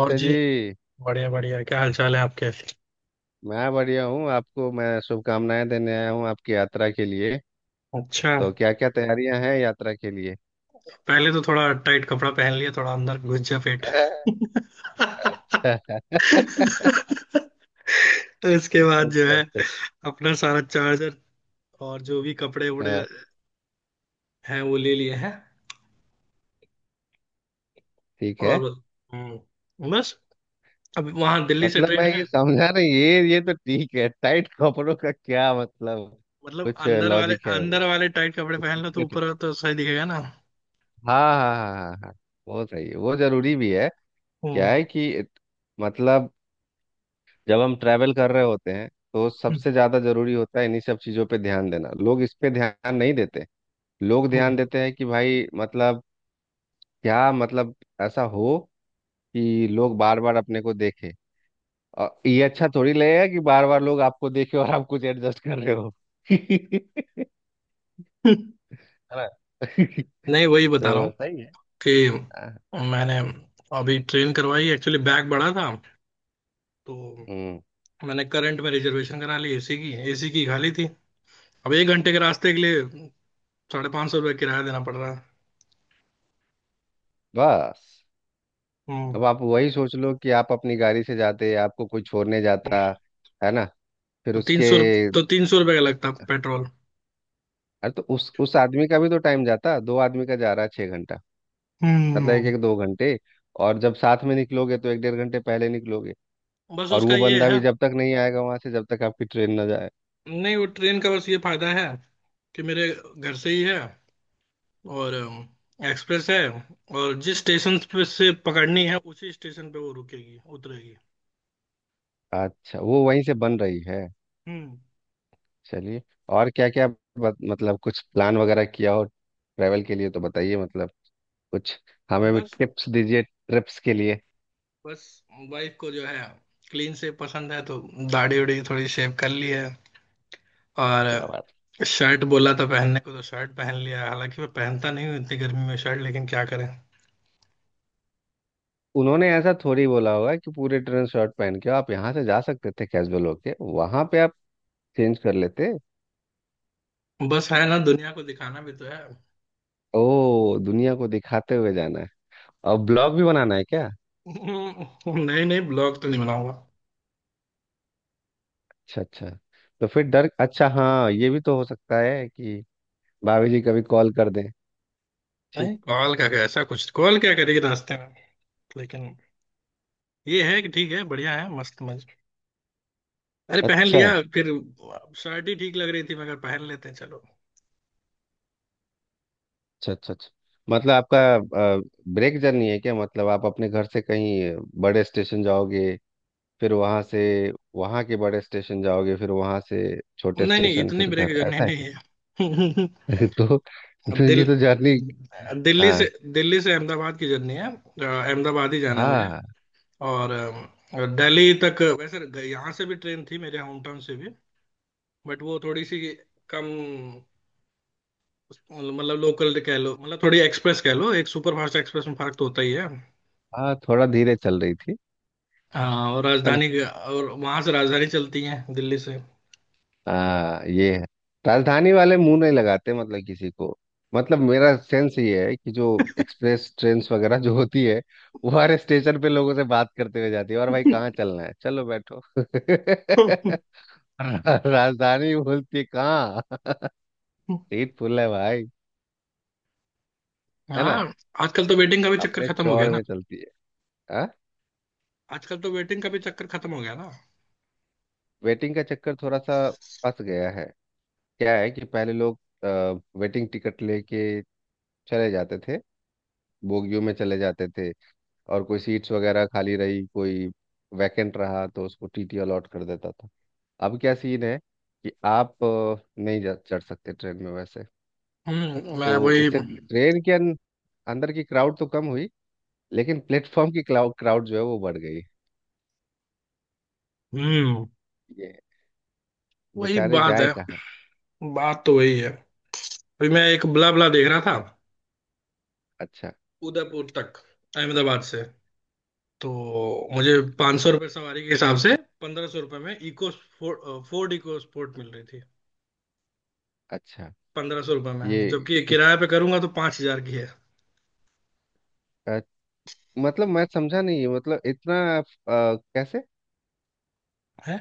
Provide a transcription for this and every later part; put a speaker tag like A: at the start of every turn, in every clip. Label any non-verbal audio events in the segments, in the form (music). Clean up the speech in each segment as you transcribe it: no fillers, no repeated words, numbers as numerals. A: और
B: जी।
A: जी। बढ़िया बढ़िया, क्या हाल चाल है आपके।
B: मैं बढ़िया हूँ। आपको मैं शुभकामनाएं देने आया हूँ आपकी यात्रा के लिए।
A: अच्छा।
B: तो क्या क्या तैयारियां हैं यात्रा के लिए?
A: पहले तो थोड़ा टाइट कपड़ा पहन लिया, थोड़ा अंदर घुस जा पेट।
B: (laughs) अच्छा।
A: (laughs) इसके बाद जो
B: अच्छा
A: है,
B: अच्छा।
A: अपना सारा चार्जर और जो भी कपड़े वपड़े
B: हाँ,
A: हैं वो ले लिए हैं।
B: ठीक है।
A: और बस। अब वहां दिल्ली से
B: मतलब
A: ट्रेन
B: मैं ये
A: है।
B: समझा नहीं, ये तो ठीक है, टाइट कपड़ों का क्या मतलब?
A: मतलब
B: कुछ
A: अंदर वाले
B: लॉजिक है वो?
A: अंदर वाले टाइट कपड़े पहन लो तो ऊपर तो सही दिखेगा ना।
B: हाँ हाँ हाँ हाँ हाँ हाँ। वो सही है, वो जरूरी भी है। क्या
A: हम्म।
B: है कि मतलब जब हम ट्रैवल कर रहे होते हैं तो
A: हम्म।
B: सबसे ज्यादा जरूरी होता है इन्हीं सब चीजों पे ध्यान देना, लोग इस पे ध्यान नहीं देते हैं। लोग ध्यान
A: हम्म।
B: देते हैं कि भाई मतलब, क्या मतलब ऐसा हो कि लोग बार बार अपने को देखे, और ये अच्छा थोड़ी लगेगा कि बार बार लोग आपको देखे और आप कुछ एडजस्ट कर रहे हो। (laughs) है
A: (laughs)
B: ना? (laughs) तो
A: नहीं, वही बता रहा हूँ
B: सही है।
A: कि
B: हाँ,
A: मैंने अभी ट्रेन करवाई, एक्चुअली बैग बड़ा था, तो
B: हम्म
A: मैंने करंट में रिजर्वेशन करा ली, एसी की खाली थी। अब 1 घंटे के रास्ते के लिए 550 रुपये किराया देना पड़ रहा है।
B: बस।
A: हम्म।
B: अब आप वही सोच लो कि आप अपनी गाड़ी से जाते, आपको कोई छोड़ने जाता है ना, फिर
A: तो तीन
B: उसके।
A: सौ तो 300 रुपये का लगता पेट्रोल।
B: अरे तो उस आदमी का भी तो टाइम जाता, दो आदमी का जा रहा है 6 घंटा। मतलब एक
A: हम्म।
B: एक दो घंटे, और जब साथ में निकलोगे तो एक डेढ़ घंटे पहले निकलोगे,
A: बस
B: और
A: उसका
B: वो
A: ये
B: बंदा
A: है।
B: भी जब तक नहीं आएगा वहां से, जब तक आपकी ट्रेन ना जाए।
A: नहीं वो ट्रेन का बस ये फायदा है कि मेरे घर से ही है, और एक्सप्रेस है, और जिस स्टेशन पे से पकड़नी है उसी स्टेशन पे वो रुकेगी उतरेगी।
B: अच्छा, वो वहीं से बन रही है?
A: हम्म।
B: चलिए। और क्या क्या? मतलब कुछ प्लान वगैरह किया हो ट्रैवल के लिए तो बताइए, मतलब कुछ हमें भी
A: बस,
B: टिप्स दीजिए ट्रिप्स के लिए।
A: बस, वाइफ को जो है क्लीन से पसंद है तो दाढ़ी उड़ी थोड़ी शेव कर ली है। और
B: क्या बात।
A: शर्ट बोला था पहनने को तो शर्ट पहन लिया है। हालांकि मैं पहनता नहीं हूँ इतनी गर्मी में शर्ट, लेकिन क्या करें।
B: उन्होंने ऐसा थोड़ी बोला होगा कि पूरे ट्रेन शर्ट पहन के आप यहाँ से जा सकते थे, कैजुअल होके वहां पे आप चेंज कर लेते।
A: बस है ना, दुनिया को दिखाना भी तो है।
B: ओ, दुनिया को दिखाते हुए जाना है। और ब्लॉग भी बनाना है क्या?
A: (laughs) नहीं, नहीं, ब्लॉग तो नहीं बनाऊंगा।
B: अच्छा अच्छा। तो फिर डर, अच्छा, हाँ ये भी तो हो सकता है कि भाभी जी कभी कॉल कर दें। ठीक।
A: नहीं, कॉल का क्या, ऐसा कुछ, कॉल क्या करेगी रास्ते में। लेकिन ये है कि ठीक है, बढ़िया है, मस्त मज। अरे पहन
B: अच्छा
A: लिया फिर। शर्ट ही ठीक लग रही थी मगर पहन लेते हैं चलो।
B: अच्छा अच्छा अच्छा। मतलब आपका ब्रेक जर्नी है क्या? मतलब आप अपने घर से कहीं बड़े स्टेशन जाओगे, फिर वहां से वहां के बड़े स्टेशन जाओगे, फिर वहां से छोटे
A: नहीं, नहीं,
B: स्टेशन,
A: इतनी
B: फिर घर,
A: ब्रेक जर्नी
B: ऐसा
A: नहीं
B: है
A: है। (laughs)
B: क्या? (laughs) तो,
A: अब
B: तो ये तो जर्नी।
A: दिल्ली से
B: हाँ
A: दिल्ली से अहमदाबाद की जर्नी है, अहमदाबाद ही जाना है मुझे।
B: हाँ
A: और दिल्ली तक वैसे यहाँ से भी ट्रेन थी, मेरे होम टाउन से भी, बट वो थोड़ी सी कम, मतलब लोकल कह लो, मतलब थोड़ी एक्सप्रेस कह लो, एक सुपरफास्ट एक्सप्रेस में फर्क तो होता ही है।
B: हाँ, थोड़ा धीरे चल रही थी,
A: हाँ, और
B: है ना?
A: राजधानी, और वहां से राजधानी चलती है दिल्ली से।
B: हाँ, ये है। राजधानी वाले मुंह नहीं लगाते मतलब किसी को। मतलब मेरा सेंस ये है कि जो एक्सप्रेस ट्रेन वगैरह जो होती है, वो हर स्टेशन पे लोगों से बात करते हुए जाती है, और भाई कहाँ चलना है, चलो बैठो। (laughs) राजधानी बोलती है, कहाँ, सीट फुल है भाई, है ना?
A: हाँ। आजकल तो वेटिंग का भी चक्कर
B: अपने
A: खत्म हो गया
B: चौड़
A: ना।
B: में चलती है। हाँ।
A: आजकल तो वेटिंग का भी चक्कर खत्म हो गया ना।
B: वेटिंग का चक्कर थोड़ा सा फंस गया है। क्या है कि पहले लोग वेटिंग टिकट लेके चले जाते थे, बोगियों में चले जाते थे, और कोई सीट्स वगैरह खाली रही, कोई वैकेंट रहा तो उसको टीटी अलॉट कर देता था। अब क्या सीन है कि आप नहीं जा चढ़ सकते ट्रेन में वैसे।
A: हम्म।
B: तो
A: मैं वही।
B: इससे ट्रेन के अंदर की क्राउड तो कम हुई, लेकिन प्लेटफॉर्म की क्राउड क्राउड जो है वो बढ़ गई।
A: हम्म
B: ये
A: वही
B: बेचारे
A: बात
B: जाए
A: है।
B: कहाँ?
A: बात तो वही है। अभी मैं एक ब्ला ब्ला देख रहा था,
B: अच्छा
A: उदयपुर तक, अहमदाबाद से। तो मुझे 500 सौ रुपये सवारी के हिसाब से 1500 रुपये में EcoSport, Ford EcoSport मिल रही थी,
B: अच्छा।
A: पंद्रह सौ रुपये में,
B: ये
A: जबकि
B: किस
A: किराए पे करूंगा तो 5000 की है।
B: अ, मतलब मैं समझा नहीं, मतलब इतना कैसे?
A: हैं।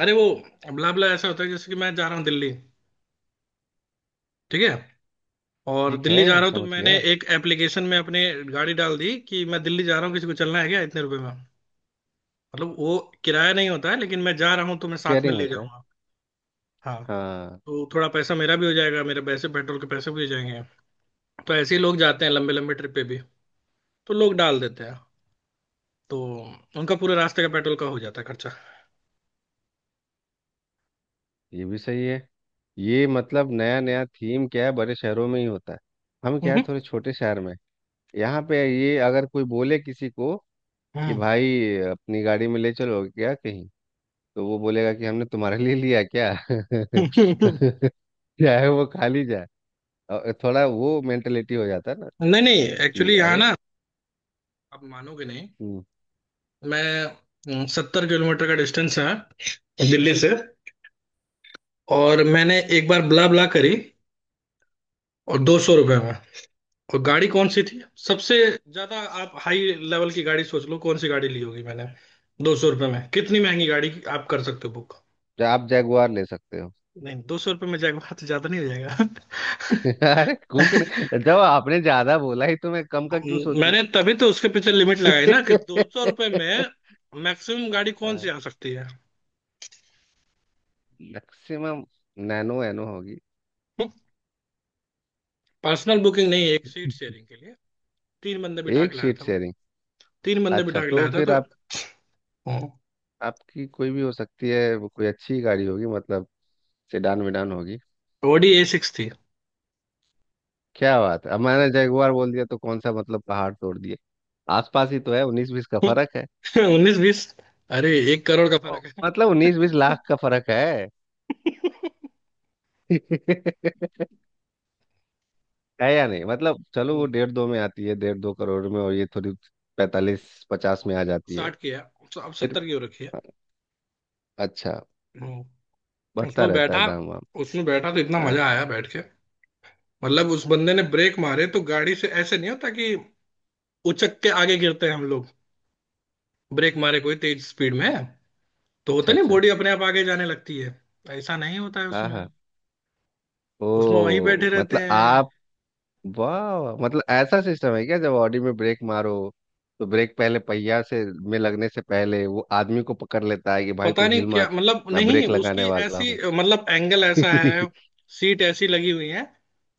A: अरे वो ब्ला ब्ला ऐसा होता है जैसे कि मैं जा रहा हूँ दिल्ली, ठीक है, और
B: ठीक
A: दिल्ली जा
B: है,
A: रहा हूँ तो
B: समझ
A: मैंने
B: गया।
A: एक एप्लीकेशन में अपनी गाड़ी डाल दी कि मैं दिल्ली जा रहा हूँ, किसी को चलना है क्या इतने रुपए में। मतलब वो किराया नहीं होता है लेकिन मैं जा रहा हूँ तो मैं साथ में
B: शेयरिंग
A: ले
B: होता है।
A: जाऊंगा। हाँ,
B: हाँ।
A: तो थोड़ा पैसा मेरा भी हो जाएगा, मेरे पैसे पेट्रोल के पैसे भी हो जाएंगे। तो ऐसे ही लोग जाते हैं लंबे लंबे ट्रिप पे भी, तो लोग डाल देते हैं, तो उनका पूरे रास्ते का पेट्रोल का हो जाता है खर्चा।
B: ये भी सही है। ये मतलब नया नया थीम क्या है, बड़े शहरों में ही होता है। हम क्या है,
A: हम्म।
B: थोड़े छोटे शहर में हैं। यहाँ पे ये अगर कोई बोले किसी को कि
A: हम्म।
B: भाई अपनी गाड़ी में ले चलो क्या कहीं, तो वो बोलेगा कि हमने तुम्हारे लिए लिया क्या?
A: (laughs)
B: (laughs) चाहे वो खाली जाए, और थोड़ा वो मेंटेलिटी हो जाता है ना
A: नहीं, नहीं,
B: कि
A: एक्चुअली यहाँ
B: अरे।
A: ना, आप मानोगे नहीं।
B: हम्म।
A: मैं 70 किलोमीटर का डिस्टेंस है दिल्ली से। और मैंने एक बार ब्ला ब्ला करी और 200 रुपये में। और गाड़ी कौन सी थी, सबसे ज्यादा आप हाई लेवल की गाड़ी सोच लो कौन सी गाड़ी ली होगी मैंने दो सौ रुपये में, कितनी महंगी गाड़ी आप कर सकते हो बुक।
B: आप जैगुआर ले सकते हो।
A: नहीं दो सौ रुपये में जाएगा बात, ज्यादा नहीं हो जाएगा। (laughs)
B: (laughs) अरे कुछ नहीं, जब आपने ज्यादा बोला ही तो मैं कम का क्यों सोचूं।
A: मैंने तभी तो उसके पीछे लिमिट लगाई ना कि दो सौ रुपये में
B: (laughs)
A: मैक्सिमम गाड़ी कौन सी आ सकती है।
B: मैक्सिमम नैनो एनो होगी।
A: पर्सनल बुकिंग नहीं है, एक सीट शेयरिंग के लिए तीन बंदे बिठा
B: एक
A: के लाया
B: शीट
A: था वो।
B: शेयरिंग।
A: तीन बंदे
B: अच्छा
A: बिठा के
B: तो
A: लाया था
B: फिर
A: तो
B: आप, आपकी कोई भी हो सकती है, वो कोई अच्छी गाड़ी होगी, मतलब सेडान वेडान होगी।
A: ओडी ए सिक्स थी।
B: क्या बात है, अब मैंने जगुआर बोल दिया तो कौन सा मतलब पहाड़ तोड़ दिए? आसपास ही तो है, उन्नीस बीस का
A: (laughs)
B: फर्क है।
A: उन्नीस बीस, अरे 1 करोड़ का फर्क है।
B: मतलब उन्नीस बीस लाख का फर्क है।
A: (laughs)
B: (laughs) है या नहीं? मतलब चलो, वो
A: हम्म,
B: डेढ़ दो में आती है, डेढ़ दो करोड़ में, और ये थोड़ी पैंतालीस पचास में आ जाती है।
A: साठ की है, अब
B: फिर।
A: सत्तर की हो रखी है।
B: अच्छा,
A: हम्म,
B: बढ़ता
A: उसमें
B: रहता है
A: बैठा,
B: दाम वाम।
A: उसमें बैठा तो इतना
B: हाँ।
A: मजा आया बैठ के। मतलब उस बंदे ने ब्रेक मारे तो गाड़ी से ऐसे नहीं होता कि उचक के आगे गिरते हैं हम लोग। ब्रेक मारे कोई तेज स्पीड में तो होता
B: अच्छा
A: नहीं,
B: अच्छा।
A: बॉडी अपने आप आगे जाने लगती है। ऐसा नहीं होता है
B: हाँ
A: उसमें,
B: हाँ,
A: उसमें वहीं
B: ओ।
A: बैठे रहते
B: मतलब
A: हैं।
B: आप, वाह, मतलब ऐसा सिस्टम है क्या, जब ऑडी में ब्रेक मारो तो ब्रेक पहले पहिया से में लगने से पहले वो आदमी को पकड़ लेता है कि भाई
A: पता
B: तू
A: नहीं
B: हिल
A: क्या,
B: मत,
A: मतलब
B: मैं
A: नहीं
B: ब्रेक लगाने
A: उसकी
B: वाला
A: ऐसी,
B: हूँ।
A: मतलब एंगल
B: (laughs)
A: ऐसा है, सीट ऐसी लगी हुई है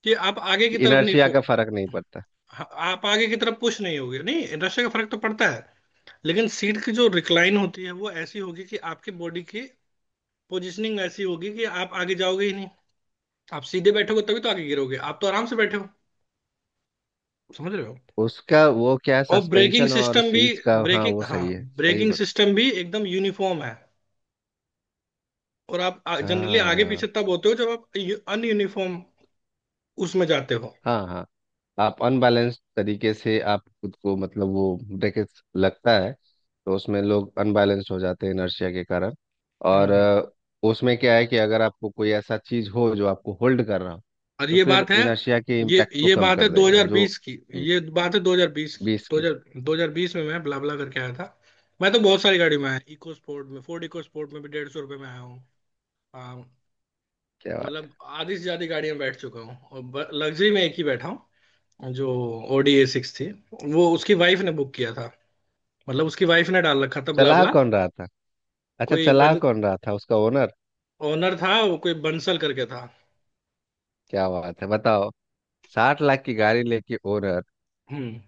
A: कि आप आगे की तरफ नहीं
B: इनर्शिया
A: फो
B: का फर्क नहीं पड़ता।
A: हाँ, आप आगे की तरफ पुश नहीं होगे, नहीं नशे का फर्क तो पड़ता है लेकिन सीट की जो रिक्लाइन होती है वो ऐसी होगी कि आपकी बॉडी की पोजिशनिंग ऐसी होगी कि आप आगे जाओगे ही नहीं। आप सीधे बैठोगे तभी तो आगे गिरोगे, आप तो आराम से बैठे हो, समझ रहे हो।
B: उसका वो क्या है,
A: और ब्रेकिंग
B: सस्पेंशन और
A: सिस्टम भी,
B: सीट्स का, हाँ
A: ब्रेकिंग,
B: वो
A: हाँ,
B: सही है, सही
A: ब्रेकिंग
B: बता।
A: सिस्टम भी एकदम यूनिफॉर्म है। और आप जनरली आगे पीछे
B: हाँ
A: तब होते हो जब आप अनयूनिफॉर्म उसमें जाते हो।
B: हाँ हाँ, आप अनबैलेंस तरीके से आप खुद को, मतलब वो ब्रेक लगता है तो उसमें लोग अनबैलेंस हो जाते हैं इनर्शिया के कारण। और
A: हम्म।
B: उसमें क्या है कि अगर आपको कोई ऐसा चीज हो जो आपको होल्ड कर रहा हो
A: और
B: तो
A: ये
B: फिर
A: बात है,
B: इनर्शिया के
A: ये
B: इम्पैक्ट को
A: ये
B: कम
A: बात है
B: कर देगा जो।
A: 2020 की। ये बात है 2020 की,
B: बीस की।
A: 2000 2020 में मैं ब्ला ब्ला करके आया था। मैं तो बहुत सारी गाड़ी में आया, इको स्पोर्ट में, फोर्ड इको स्पोर्ट में भी 150 रुपये में आया हूँ। हाँ,
B: क्या बात
A: मतलब
B: है।
A: आधी से ज्यादा गाड़ी में बैठ चुका हूँ और लग्जरी में एक ही बैठा हूँ, जो ओडीए सिक्स थी। वो उसकी वाइफ ने बुक किया था, मतलब उसकी वाइफ ने डाल रखा था, बुला
B: चला
A: बुला।
B: कौन रहा था? अच्छा,
A: कोई
B: चला
A: बन
B: कौन रहा था, उसका ओनर?
A: ओनर था वो, कोई बंसल करके था।
B: क्या बात है, बताओ। 60 लाख की गाड़ी लेके ओनर
A: हम्म।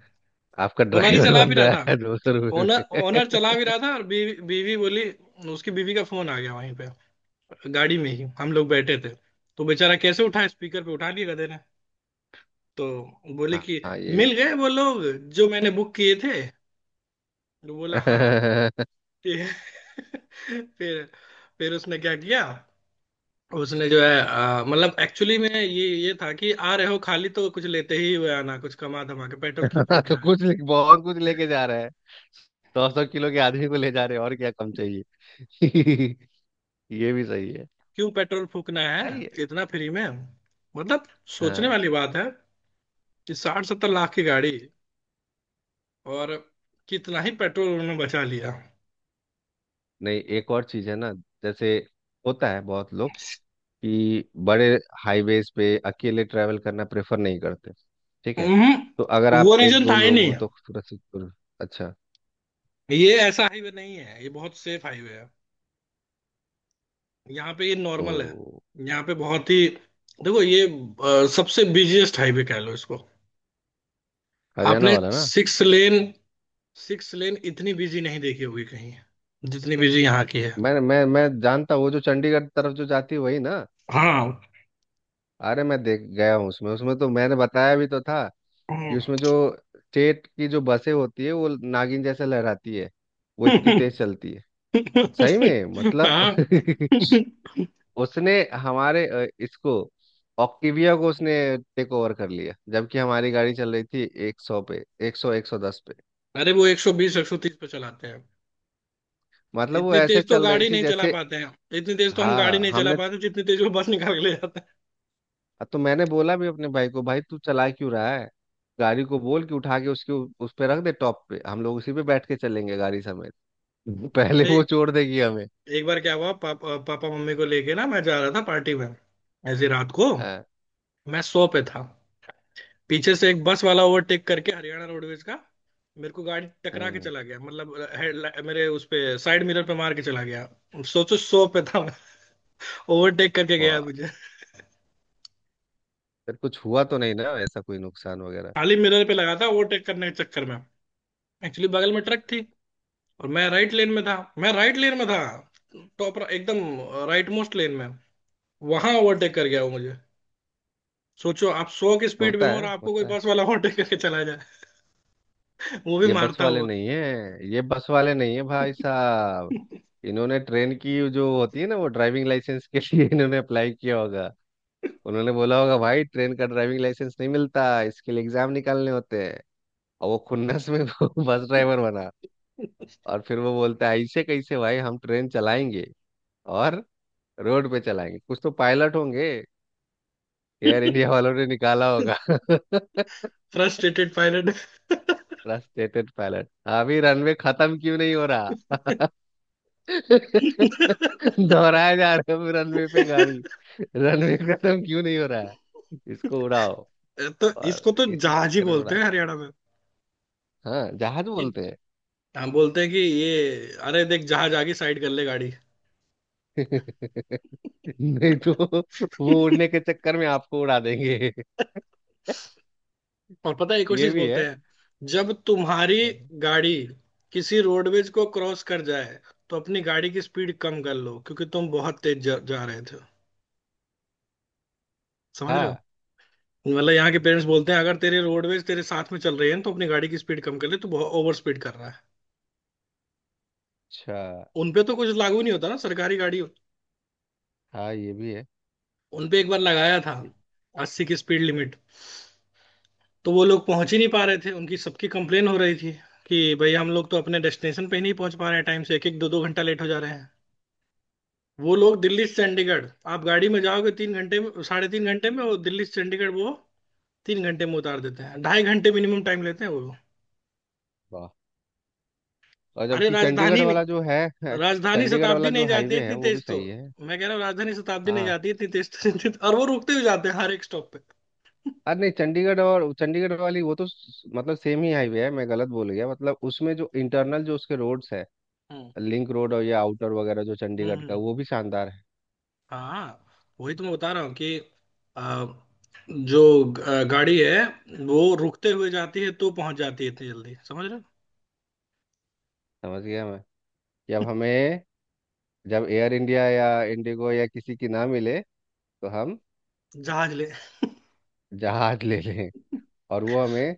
B: आपका
A: ओनर ही
B: ड्राइवर
A: चला भी
B: बन
A: रहा
B: रहा
A: था,
B: है 200 रुपये
A: ओनर ओनर
B: में।
A: चला भी रहा था, और बीवी बीवी बोली, उसकी बीवी का फोन आ गया वहीं पे, गाड़ी में ही हम लोग बैठे थे। तो बेचारा कैसे उठा, स्पीकर पे उठा लिया गधे ने। तो
B: (laughs)
A: बोले
B: हाँ
A: कि
B: हाँ, ये
A: मिल गए वो लोग जो मैंने बुक किए थे, तो बोला हाँ।
B: भी। (laughs)
A: फिर (laughs) फिर फिर उसने क्या किया। उसने जो है मतलब एक्चुअली में ये था कि आ रहे हो खाली तो कुछ लेते ही हुए आना, कुछ कमा धमा के, पेट्रोल क्यों
B: (laughs)
A: फूकना है।
B: बहुत कुछ लेके जा रहा है, सौ सौ किलो के आदमी को ले जा रहे हैं, और क्या कम चाहिए। (laughs) ये भी सही है।
A: क्यों पेट्रोल फूकना है
B: सही है।
A: इतना फ्री में। मतलब सोचने
B: हाँ।
A: वाली बात है कि साठ सत्तर लाख की गाड़ी, और कितना ही पेट्रोल उन्होंने बचा लिया।
B: नहीं एक और चीज है ना, जैसे होता है बहुत लोग कि बड़े हाईवेज पे अकेले ट्रैवल करना प्रेफर नहीं करते, ठीक है?
A: हम्म,
B: तो अगर
A: वो
B: आप एक
A: रीजन
B: दो
A: था ही
B: लोग
A: नहीं।
B: हो तो सूरत। अच्छा।
A: ये ऐसा हाईवे नहीं है, ये बहुत सेफ हाईवे है, यहाँ पे ये नॉर्मल है,
B: ओ,
A: यहाँ पे बहुत ही, देखो ये सबसे बिजिएस्ट हाईवे कह लो इसको
B: हरियाणा
A: आपने।
B: वाला ना?
A: सिक्स लेन, सिक्स लेन इतनी बिजी नहीं देखी होगी कहीं जितनी बिजी यहाँ की है।
B: मैं जानता हूँ, वो जो चंडीगढ़ तरफ जो जाती है वही ना?
A: हाँ।
B: अरे मैं देख गया हूँ उसमें, तो मैंने बताया भी तो था कि उसमें जो
A: (laughs)
B: स्टेट की जो बसें होती है वो नागिन जैसे लहराती है, वो इतनी तेज चलती है, सही में, मतलब।
A: हाँ।
B: (laughs)
A: (laughs)
B: उसने हमारे इसको, ऑक्टिविया को उसने टेक ओवर कर लिया, जबकि हमारी गाड़ी चल रही थी एक सौ पे, एक सौ, एक सौ दस पे।
A: अरे वो 120, 130 पे चलाते हैं,
B: मतलब वो
A: इतनी
B: ऐसे
A: तेज तो
B: चल रही
A: गाड़ी
B: थी
A: नहीं चला
B: जैसे।
A: पाते हैं, इतनी तेज तो हम गाड़ी
B: हाँ,
A: नहीं चला
B: हमने,
A: पाते जितनी तेज वो बस निकाल के ले जाते हैं।
B: तो मैंने बोला भी अपने भाई को, भाई तू चला क्यों रहा है गाड़ी को, बोल कि उठा के उसके उस पे रख दे टॉप पे, हम लोग उसी पे बैठ के चलेंगे गाड़ी समेत। (laughs) पहले
A: अरे
B: वो छोड़ देगी हमें।
A: एक बार क्या हुआ, पापा पापा मम्मी को लेके ना मैं जा रहा था पार्टी में, ऐसी रात को। मैं सौ पे था, पीछे से एक बस वाला ओवरटेक करके, हरियाणा रोडवेज का, मेरे को गाड़ी टकरा के
B: हम्म।
A: चला गया, मतलब हेड मेरे उस पे, साइड मिरर पे मार के चला गया। सोचो सौ पे था, ओवरटेक करके
B: वाह,
A: गया मुझे।
B: फिर कुछ हुआ तो नहीं ना, ऐसा कोई नुकसान वगैरह?
A: खाली मिरर पे लगा था ओवरटेक करने के चक्कर में, एक्चुअली बगल में ट्रक थी और मैं राइट लेन में था, टॉप एकदम राइट मोस्ट लेन में, वहां ओवरटेक कर गया वो मुझे। सोचो आप सौ की स्पीड में
B: होता
A: हो और
B: है,
A: आपको कोई
B: होता है।
A: बस वाला ओवरटेक करके चला जाए, वो भी
B: ये बस
A: मारता
B: वाले
A: हुआ।
B: नहीं है, ये बस वाले नहीं है भाई साहब।
A: (laughs)
B: इन्होंने ट्रेन की जो होती है ना वो ड्राइविंग लाइसेंस के लिए (laughs) इन्होंने अप्लाई किया होगा। उन्होंने बोला होगा भाई ट्रेन का ड्राइविंग लाइसेंस नहीं मिलता, इसके लिए एग्जाम निकालने होते हैं। और वो खुन्नस में (laughs) वो बस ड्राइवर बना। और फिर वो बोलता है ऐसे कैसे भाई, हम ट्रेन चलाएंगे, और रोड पे चलाएंगे, कुछ तो पायलट होंगे, एयर इंडिया वालों ने निकाला होगा। (laughs)
A: फ्रस्ट्रेटेड
B: फ्रस्ट्रेटेड पायलट, अभी रनवे खत्म क्यों नहीं हो रहा?
A: पायलट।
B: (laughs)
A: (laughs)
B: दोहराया जा रहा है रनवे पे गाड़ी, रनवे खत्म क्यों नहीं हो रहा है, इसको उड़ाओ।
A: तो इसको
B: और
A: तो
B: इसी
A: जहाज ही
B: चक्कर में
A: बोलते
B: उड़ाते।
A: हैं हरियाणा में।
B: हाँ, जहाज
A: ये
B: बोलते हैं।
A: हम बोलते हैं कि ये, अरे देख जहाज, आगे साइड कर ले गाड़ी।
B: (laughs) नहीं तो वो उड़ने के चक्कर में आपको उड़ा देंगे। (laughs)
A: और पता है एक और
B: ये
A: चीज
B: भी है।
A: बोलते हैं, जब तुम्हारी गाड़ी किसी रोडवेज को क्रॉस कर जाए तो अपनी गाड़ी की स्पीड कम कर लो क्योंकि तुम बहुत तेज जा रहे थे, समझ रहे हो।
B: हाँ
A: मतलब यहाँ के पेरेंट्स बोलते हैं अगर तेरे रोडवेज तेरे साथ में चल रही है तो अपनी गाड़ी की स्पीड कम कर ले तो बहुत ओवर स्पीड कर रहा है।
B: अच्छा,
A: उनपे तो कुछ लागू नहीं होता ना सरकारी गाड़ी।
B: हाँ ये भी है।
A: उनपे एक बार लगाया था 80 की स्पीड लिमिट, तो वो लोग पहुंच ही नहीं पा रहे थे, उनकी सबकी कंप्लेन हो रही थी कि भाई हम लोग तो अपने डेस्टिनेशन पे ही नहीं पहुंच पा रहे हैं टाइम से, एक एक दो दो घंटा लेट हो जा रहे हैं। वो लोग दिल्ली से चंडीगढ़, आप गाड़ी में जाओगे 3 घंटे में, 3.5 घंटे में, वो दिल्ली से चंडीगढ़ वो तीन घंटे में उतार देते हैं, 2.5 घंटे मिनिमम टाइम लेते हैं वो लोग।
B: वाह, और
A: अरे
B: जबकि चंडीगढ़
A: राजधानी
B: वाला
A: नहीं,
B: जो है। (laughs)
A: राजधानी
B: चंडीगढ़
A: शताब्दी
B: वाला जो
A: नहीं जाती है
B: हाईवे है
A: इतनी
B: वो भी
A: तेज तो।
B: सही है।
A: मैं कह रहा हूँ राजधानी शताब्दी नहीं
B: हाँ।
A: जाती है इतनी तेज तो। (laughs) और वो रुकते हुए जाते हैं हर एक स्टॉप पे।
B: अरे नहीं, चंडीगढ़ और चंडीगढ़ वाली वो तो मतलब सेम ही हाईवे है, मैं गलत बोल गया, मतलब उसमें जो इंटरनल, जो उसके रोड्स है,
A: हम्म।
B: लिंक रोड और या आउटर वगैरह जो चंडीगढ़ का,
A: हम्म।
B: वो भी शानदार है।
A: हाँ। वही तो मैं बता रहा हूँ कि आ, जो गाड़ी है वो रुकते हुए जाती है तो पहुंच जाती है इतनी जल्दी, समझ रहे हो?
B: समझ गया मैं। जब हमें, जब एयर इंडिया या इंडिगो या किसी की ना मिले तो हम
A: (laughs) जहाज ले।
B: जहाज ले लें, और वो
A: (laughs)
B: हमें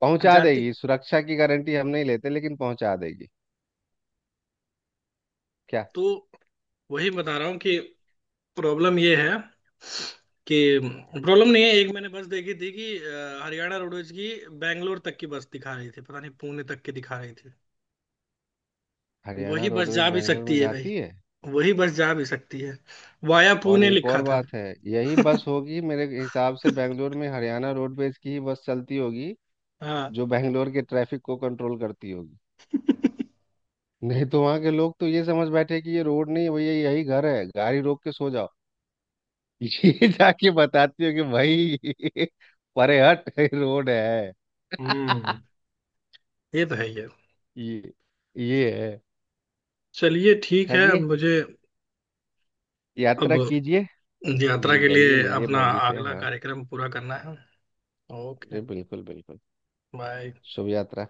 B: पहुंचा
A: जाती।
B: देगी, सुरक्षा की गारंटी हम नहीं लेते लेकिन पहुंचा देगी। क्या?
A: तो वही बता रहा हूँ कि प्रॉब्लम ये है कि, प्रॉब्लम नहीं है, एक मैंने बस देखी थी कि हरियाणा रोडवेज की बैंगलोर तक की बस दिखा रही थी, पता नहीं पुणे तक की दिखा रही थी।
B: हरियाणा
A: वही बस
B: रोडवेज
A: जा भी
B: बेंगलोर में
A: सकती है भाई,
B: जाती है?
A: वही बस जा भी सकती है, वाया
B: और
A: पुणे
B: एक
A: लिखा
B: और
A: था।
B: बात है, यही बस
A: (laughs)
B: होगी मेरे हिसाब से, बेंगलोर में हरियाणा रोडवेज की ही बस चलती होगी
A: हाँ।
B: जो बैंगलोर के ट्रैफिक को कंट्रोल करती होगी।
A: (laughs)
B: नहीं तो वहां के लोग तो ये समझ बैठे कि ये रोड नहीं है भैया, यही घर है, गाड़ी रोक के सो जाओ। (laughs) ये जाके बताती हो कि भाई (laughs) परे हट, रोड है।
A: हम्म।
B: (laughs)
A: ये तो है ये।
B: ये ये है।
A: चलिए ठीक है,
B: चलिए,
A: मुझे अब
B: यात्रा कीजिए।
A: यात्रा के
B: जाइए,
A: लिए
B: मिलिए
A: अपना
B: भाजी से।
A: अगला
B: हाँ
A: कार्यक्रम पूरा करना है। ओके।
B: जी, बिल्कुल बिल्कुल।
A: बाय।
B: शुभ यात्रा।